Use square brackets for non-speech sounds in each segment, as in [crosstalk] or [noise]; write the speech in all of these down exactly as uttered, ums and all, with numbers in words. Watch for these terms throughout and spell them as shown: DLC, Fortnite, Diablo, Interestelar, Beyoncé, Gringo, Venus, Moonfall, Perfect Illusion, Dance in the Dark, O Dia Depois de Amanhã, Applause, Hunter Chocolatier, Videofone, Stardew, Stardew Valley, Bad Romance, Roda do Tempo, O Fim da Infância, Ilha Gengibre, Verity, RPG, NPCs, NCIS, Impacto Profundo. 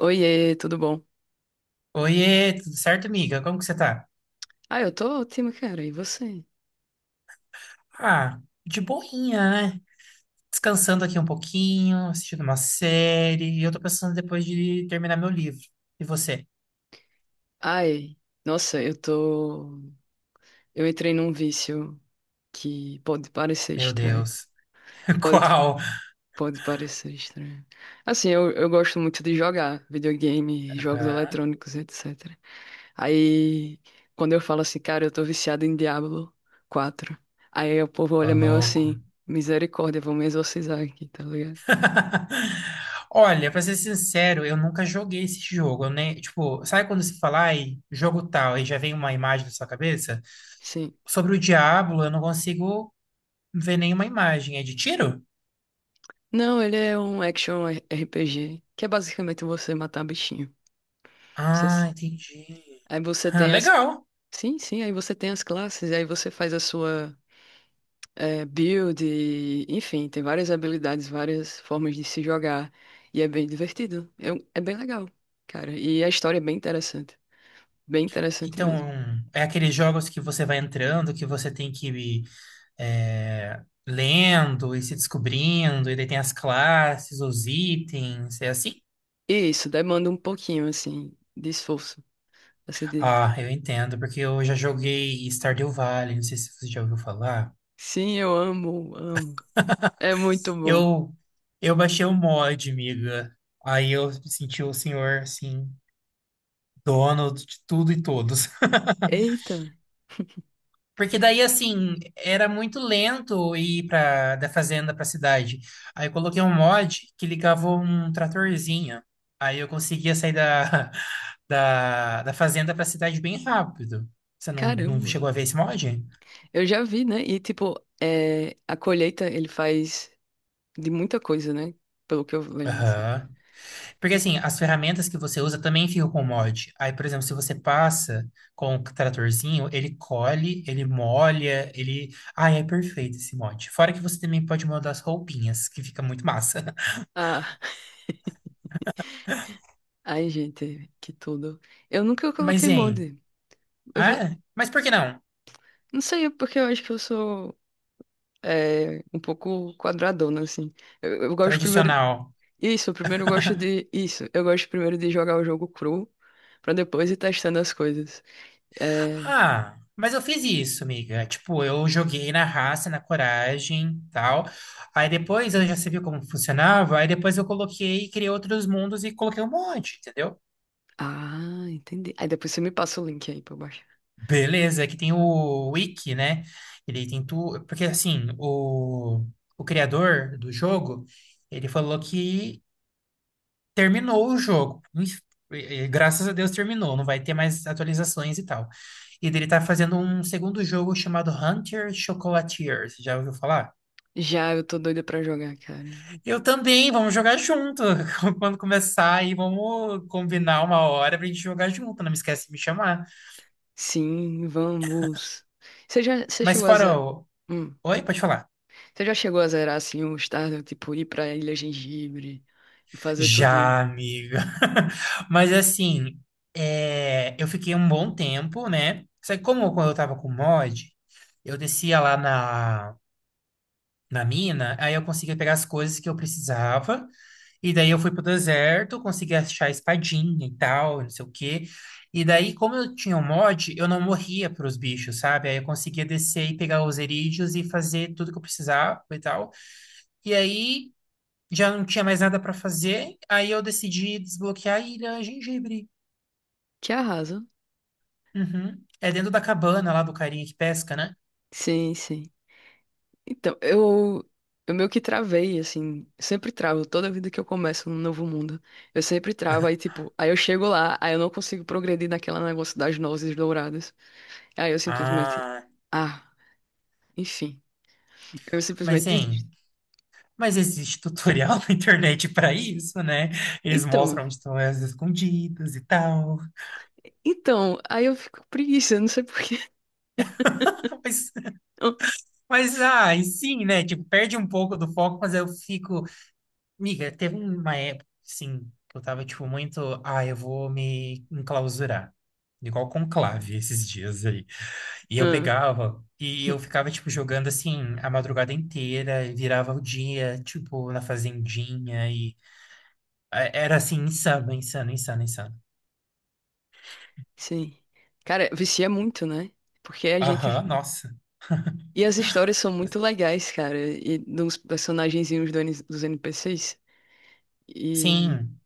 Oiê, tudo bom? Oiê, tudo certo, amiga? Como que você tá? Ah, eu tô ótima, cara. E você? Ah, de boinha, né? Descansando aqui um pouquinho, assistindo uma série, e eu tô pensando depois de terminar meu livro. E você? Ai, nossa, eu tô. Eu entrei num vício que pode parecer Meu estranho. Deus. [laughs] Pode, Qual? pode parecer estranho. Assim, eu, eu gosto muito de jogar videogame, jogos Ah, eletrônicos, et cetera. Aí, quando eu falo assim, cara, eu tô viciado em Diablo quatro. Aí o povo Ô, olha meio louco. assim, misericórdia, vou me exorcizar aqui, tá ligado? [laughs] Olha, pra ser sincero, eu nunca joguei esse jogo, né? Tipo, sabe quando se fala, ai, jogo tal, e já vem uma imagem na sua cabeça? Sim. Sobre o Diablo, eu não consigo ver nenhuma imagem. É de tiro? Não, ele é um action R P G, que é basicamente você matar bichinho. Você Ah, s- entendi. Aí você Ah, tem as. legal. Sim, sim, aí você tem as classes, aí você faz a sua eh, build, e, enfim, tem várias habilidades, várias formas de se jogar. E é bem divertido. É, um- é bem legal, cara. E a história é bem interessante. Bem interessante Então, mesmo. é aqueles jogos que você vai entrando, que você tem que ir é, lendo e se descobrindo, e daí tem as classes, os itens, é assim? E isso demanda um pouquinho, assim, de esforço. Assim, de. Ah, eu entendo, porque eu já joguei Stardew Valley, não sei se você já ouviu falar. Sim, eu amo, amo. É muito bom. Eu, eu baixei o mod, amiga. Aí eu me senti o senhor, assim, dono de tudo e todos. [laughs] Eita, Porque daí, assim, era muito lento ir pra, da fazenda pra cidade. Aí eu coloquei um mod que ligava um tratorzinho. Aí eu conseguia sair da, [laughs] da, da fazenda pra cidade bem rápido. Você não, não caramba. chegou a ver esse mod? Eu já vi, né? E, tipo, é, a colheita ele faz de muita coisa, né? Pelo que eu lembro, assim. Aham. Porque, assim, as ferramentas que você usa também ficam com o mod. Aí, por exemplo, se você passa com o tratorzinho, ele colhe, ele molha, ele... Ai, é perfeito esse mod. Fora que você também pode mudar as roupinhas, que fica muito massa. [laughs] Ah, ai, gente, que tudo. Eu nunca Mas, coloquei hein... molde. Eu Ah, vou. é? Mas por que não? Não sei, é porque eu acho que eu sou é, um pouco quadradona, assim. Eu, eu gosto primeiro. Tradicional. Isso, primeiro eu gosto de. Isso, eu gosto primeiro de jogar o jogo cru, pra depois ir testando as coisas. É. Ah, mas eu fiz isso, amiga. Tipo, eu joguei na raça, na coragem, tal. Aí depois eu já sabia como funcionava. Aí depois eu coloquei, criei outros mundos e coloquei um monte, entendeu? Ah, entendi. Aí depois você me passa o link aí pra eu baixar. Beleza, aqui tem o Wiki, né? Ele tem tudo. Porque assim, o, o criador do jogo, ele falou que terminou o jogo. e- e graças a Deus terminou, não vai ter mais atualizações e tal. E dele tá fazendo um segundo jogo chamado Hunter Chocolatier. Você já ouviu falar? Já, eu tô doida pra jogar, cara. Eu também, vamos jogar junto. [laughs] Quando começar aí, vamos combinar uma hora pra gente jogar junto. Não me esquece de me chamar. Sim, vamos. Você já, você Mas chegou a zerar, fora o... hum, Oi, pode falar. você já chegou a zerar assim o Stardew, tipo ir pra Ilha Gengibre e fazer tudinho. Já, amiga. [laughs] Mas assim, é, eu fiquei um bom tempo, né? Só que como eu quando eu tava com mod, eu descia lá na na mina, aí eu consegui pegar as coisas que eu precisava. E daí eu fui pro deserto, consegui achar a espadinha e tal, não sei o quê. E daí, como eu tinha um mod, eu não morria pros bichos, sabe? Aí eu conseguia descer e pegar os erídeos e fazer tudo que eu precisava e tal. E aí já não tinha mais nada pra fazer, aí eu decidi desbloquear a Ilha Gengibre. Que arrasa. Uhum. É dentro da cabana lá do carinha que pesca, né? Sim, sim. Então, eu eu meio que travei assim, sempre travo toda vida que eu começo um novo mundo. Eu sempre travo aí tipo, aí eu chego lá, aí eu não consigo progredir naquela negócio das nozes douradas. Aí eu simplesmente Ah, ah, enfim, eu simplesmente mas hein. desisto. Mas existe tutorial [laughs] na internet para isso, né? Eles Então, mostram onde estão as escondidas e tal. então, aí eu fico com preguiça, não sei por quê. [laughs] Mas, [laughs] mas ah, e sim, né? Tipo, perde um pouco do foco, mas eu fico. Miga, teve uma época, sim, que eu tava, tipo, muito. Ah, eu vou me enclausurar. Igual conclave esses dias aí. E eu Ah, pegava e eu ficava, tipo, jogando assim a madrugada inteira e virava o dia, tipo, na fazendinha e. é, Era assim, insano, insano, insano, insano. sim. Cara, vicia muito, né? Porque a gente. Aham, nossa. E as histórias são muito legais, cara. E dos personagenzinhos do N- dos N P Cs. E Sim.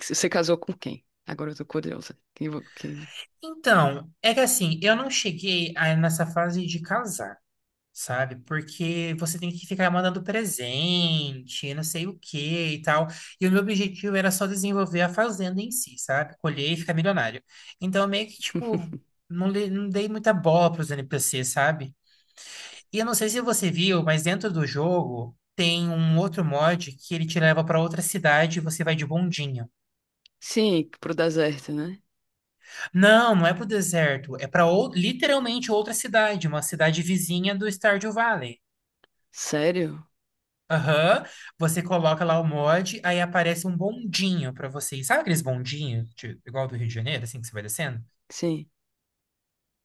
você casou com quem? Agora eu tô curiosa. Quem, vo- quem. Então, é que assim, eu não cheguei a nessa fase de casar, sabe? Porque você tem que ficar mandando presente, não sei o quê e tal. E o meu objetivo era só desenvolver a fazenda em si, sabe? Colher e ficar milionário. Então, meio que, tipo, não, le- não dei muita bola para os N P Cs, sabe? E eu não sei se você viu, mas dentro do jogo tem um outro mod que ele te leva para outra cidade e você vai de bondinho. Sim, pro deserto, né? Não, não é pro deserto. É para literalmente outra cidade, uma cidade vizinha do Stardew Valley. Sério? Aham. Você coloca lá o mod, aí aparece um bondinho para você. Sabe aqueles bondinhos, de- igual do Rio de Janeiro, assim, que você vai descendo? Sim.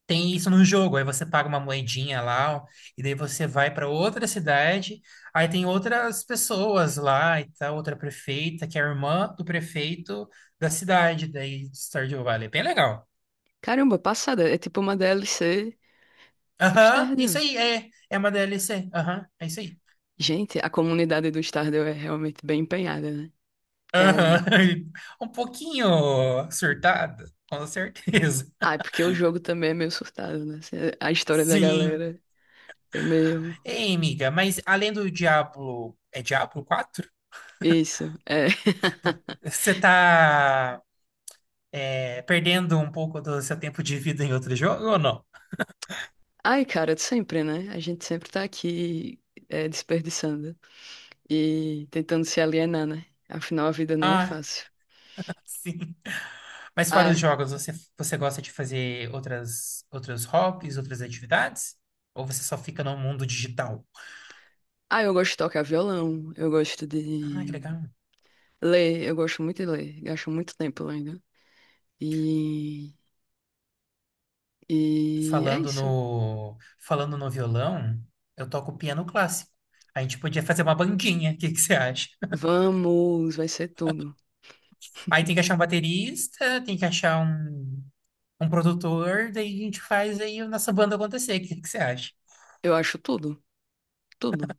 Tem isso no jogo. Aí você paga uma moedinha lá, ó, e daí você vai para outra cidade. Aí tem outras pessoas lá, e tá outra prefeita, que é a irmã do prefeito da cidade, daí do Stardew Valley. É bem legal. Caramba, passada. É tipo uma D L C do Aham, isso Stardew. aí, é. É uma D L C. Aham, é isso aí. Gente, a comunidade do Stardew é realmente bem empenhada, né? Cara. Aham. [laughs] Um pouquinho surtada, com certeza. Ah, é porque o jogo também é meio surtado, né? A história da Sim. galera é meio. Ei, amiga, mas além do Diablo, é Diablo quatro. Isso, é. [laughs] Tipo, você tá é, perdendo um pouco do seu tempo de vida em outro jogo ou não? Ai, cara, sempre, né? A gente sempre tá aqui é, desperdiçando e tentando se alienar, né? Afinal, a vida não é Ah, fácil. sim. Mas fora Ah, os é. jogos, você, você gosta de fazer outras, outros hobbies, outras atividades? Ou você só fica no mundo digital? Ah, eu gosto de tocar violão, eu gosto Ah, que de legal. ler, eu gosto muito de ler, gasto muito tempo lendo. E, e é Falando isso. no, falando no violão, eu toco piano clássico. A gente podia fazer uma bandinha, o que que você acha? Vamos, vai ser tudo. Aí tem que achar um baterista, tem que achar um, um produtor, daí a gente faz aí a nossa banda acontecer, o que que você acha? Eu acho tudo, tudo.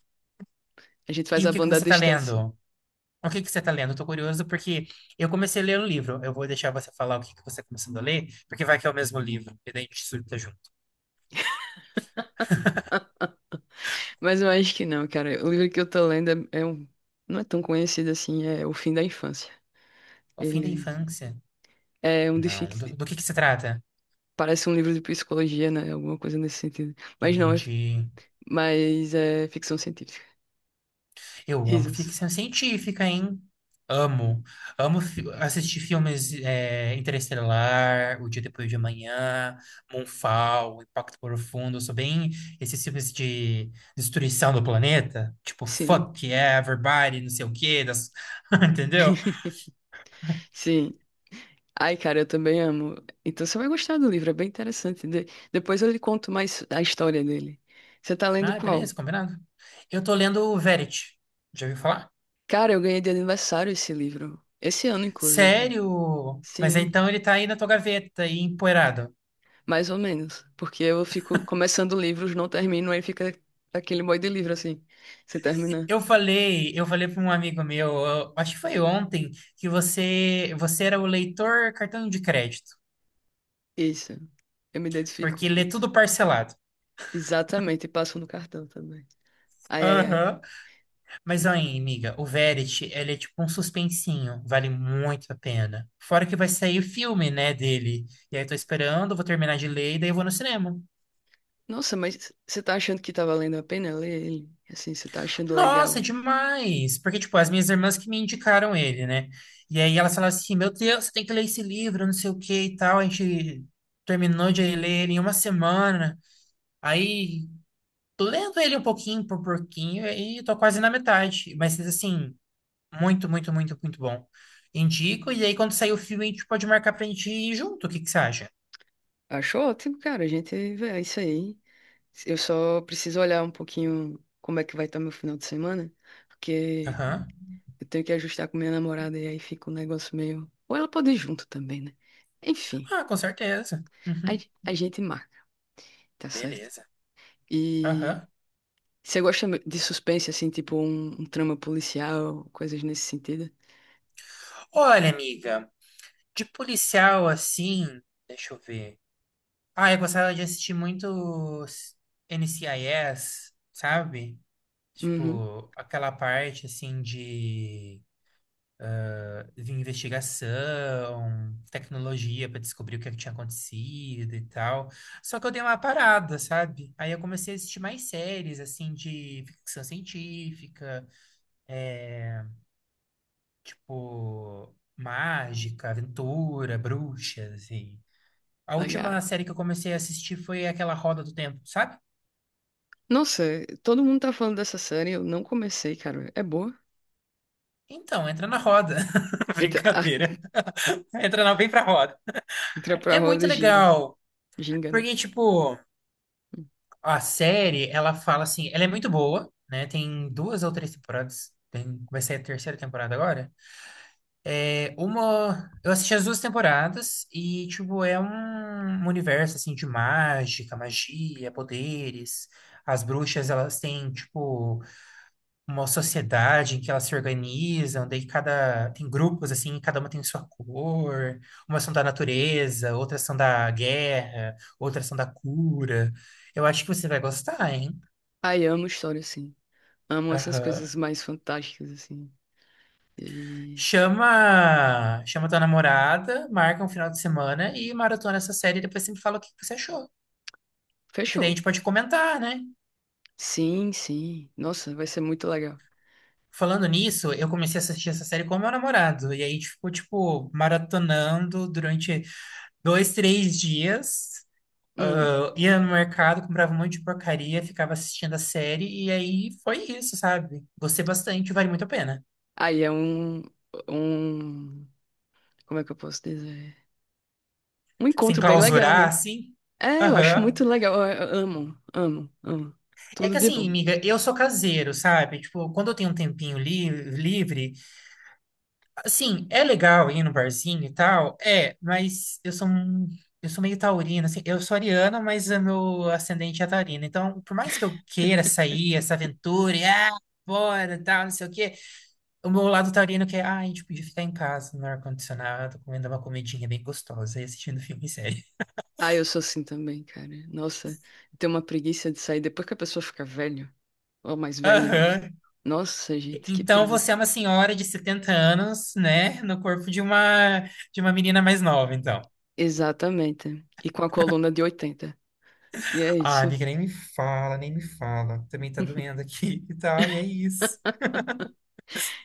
A gente faz E o a que que banda à você tá distância. lendo? O que que você tá lendo? Eu tô curioso porque eu comecei a ler o livro. Eu vou deixar você falar o que que você tá começando a ler, porque vai que é o mesmo livro, e daí a gente surta junto. Mas eu acho que não, cara. O livro que eu tô lendo é é um. Não é tão conhecido assim, é O Fim da Infância. O fim da Ele infância? é um de Não. Do, fic... do que que se trata? Parece um livro de psicologia, né? Alguma coisa nesse sentido. Mas não, é... f- Entendi. mas é ficção científica. Eu amo Risos. ficção científica, hein? Amo. Amo fi- assistir filmes é, Interestelar, O Dia Depois de Amanhã, Moonfall, Impacto Profundo. Eu sou bem esses filmes de destruição do planeta. Tipo, Sim, fuck yeah, everybody, não sei o quê. Das... [laughs] Entendeu? sim. Ai, cara, eu também amo. Então você vai gostar do livro, é bem interessante. De- Depois eu lhe conto mais a história dele. Você tá lendo Ah, qual? beleza, combinado. Eu tô lendo o Verity. Já ouviu falar? Cara, eu ganhei de aniversário esse livro. Esse ano, inclusive. Sério? Mas Sim, então ele tá aí na tua gaveta, aí empoeirado. mais ou menos. Porque eu fico começando livros, não termino, aí fica aquele monte de livro assim. Você termina. Eu falei, eu falei para um amigo meu, eu acho que foi ontem, que você, você era o leitor cartão de crédito, Isso. Eu me identifico porque com lê isso. tudo parcelado. Exatamente, e passam no cartão também. Ai, ai, ai. Aham. Mas aí, amiga, o Verity, ele é tipo um suspensinho, vale muito a pena. Fora que vai sair o filme, né, dele. E aí eu tô esperando, vou terminar de ler e daí eu vou no cinema. Nossa, mas você tá achando que tá valendo a pena ler ele? Assim, você tá achando Nossa, legal? demais! Porque, tipo, as minhas irmãs que me indicaram ele, né? E aí elas falaram assim: meu Deus, você tem que ler esse livro, não sei o que e tal. A gente terminou de ler ele em uma semana. Aí tô lendo ele um pouquinho por pouquinho e tô quase na metade. Mas, assim, muito, muito, muito, muito bom. Indico. E aí, quando sair o filme, a gente pode marcar pra gente ir junto. O que que você acha? Acho ótimo, cara. A gente vê é isso aí. Eu só preciso olhar um pouquinho como é que vai estar meu final de semana, porque Aham. eu tenho que ajustar com minha namorada e aí fica um negócio meio. Ou ela pode ir junto também, né? Enfim, Ah, com certeza. a, Uhum. a gente marca, tá certo? Beleza. E Aham. você gosta de suspense, assim, tipo um, um trama policial, coisas nesse sentido? Olha, amiga, de policial assim. Deixa eu ver. Ah, eu gostava de assistir muito s- N C I S, sabe? Uhum. Tipo, aquela parte assim de, de investigação, tecnologia para descobrir o que, é que tinha acontecido e tal. Só que eu dei uma parada, sabe? Aí eu comecei a assistir mais séries assim de ficção científica, é, tipo mágica, aventura, bruxas e a última Legal. série que eu comecei a assistir foi aquela Roda do Tempo, sabe? Nossa, todo mundo tá falando dessa série, eu não comecei, cara. É boa? Então, entra na roda. [laughs] Entra, [laughs] ah, Brincadeira. Entra na, vem pra roda. entra pra É muito roda, gira. legal, Ginga, né? porque, tipo, a série, ela fala assim, ela é muito boa, né? Tem duas ou três temporadas. Tem, vai ser a terceira temporada agora. É uma, eu assisti as duas temporadas e, tipo, é um, um universo, assim, de mágica, magia, poderes. As bruxas, elas têm, tipo, uma sociedade em que elas se organizam, daí cada tem grupos assim, cada uma tem sua cor, umas são da natureza, outras são da guerra, outras são da cura. Eu acho que você vai gostar, hein? Ai, amo história, assim. Amo essas Aham. coisas mais fantásticas, assim. E. Chama, chama tua namorada, marca um final de semana e maratona essa série e depois sempre fala o que que você achou. Porque daí a Fechou. gente pode comentar, né? Sim, sim. Nossa, vai ser muito legal. Falando nisso, eu comecei a assistir essa série com meu namorado. E aí a gente ficou, tipo, maratonando durante dois, três dias. Hum. Eu ia no mercado, comprava um monte de porcaria, ficava assistindo a série, e aí foi isso, sabe? Gostei bastante, vale muito a pena. Aí é um. Um. Como é que eu posso dizer? Um Sem encontro bem legal, clausurar, né? assim. É, eu acho Aham. muito legal. Eu- eu amo, amo, amo. É que Tudo de assim, bom. amiga, eu sou caseiro, sabe? Tipo, quando eu tenho um tempinho li- livre, assim, é legal ir no barzinho e tal, é, mas eu sou um- eu sou meio taurina, assim, eu sou ariana, mas é meu ascendente é taurino. Então, por mais que eu queira sair, essa aventura, e ah, bora, tal, não sei o quê. O meu lado taurino que é, ah, a gente podia ficar em casa, no ar-condicionado, comendo uma comidinha bem gostosa e assistindo filme e série. Ah, eu sou assim também, cara. Nossa, tem uma preguiça de sair depois que a pessoa fica velha, ou mais [laughs] velha, né? Aham. Nossa, gente, que Então preguiça. você é uma senhora de setenta anos, né? No corpo de uma de uma menina mais nova, então. Exatamente. E com a coluna de oitenta. E é Ah, isso. amiga, nem me fala, nem me fala. Também tá [laughs] doendo aqui [laughs] e tal, e é isso.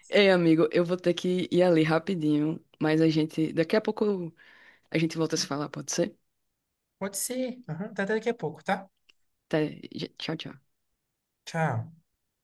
Ei, amigo, eu vou ter que ir ali rapidinho, mas a gente, daqui a pouco a gente volta a se falar, pode ser? Pode ser. Aham, tá até daqui a pouco, tá? Até, tchau, tchau. Tchau.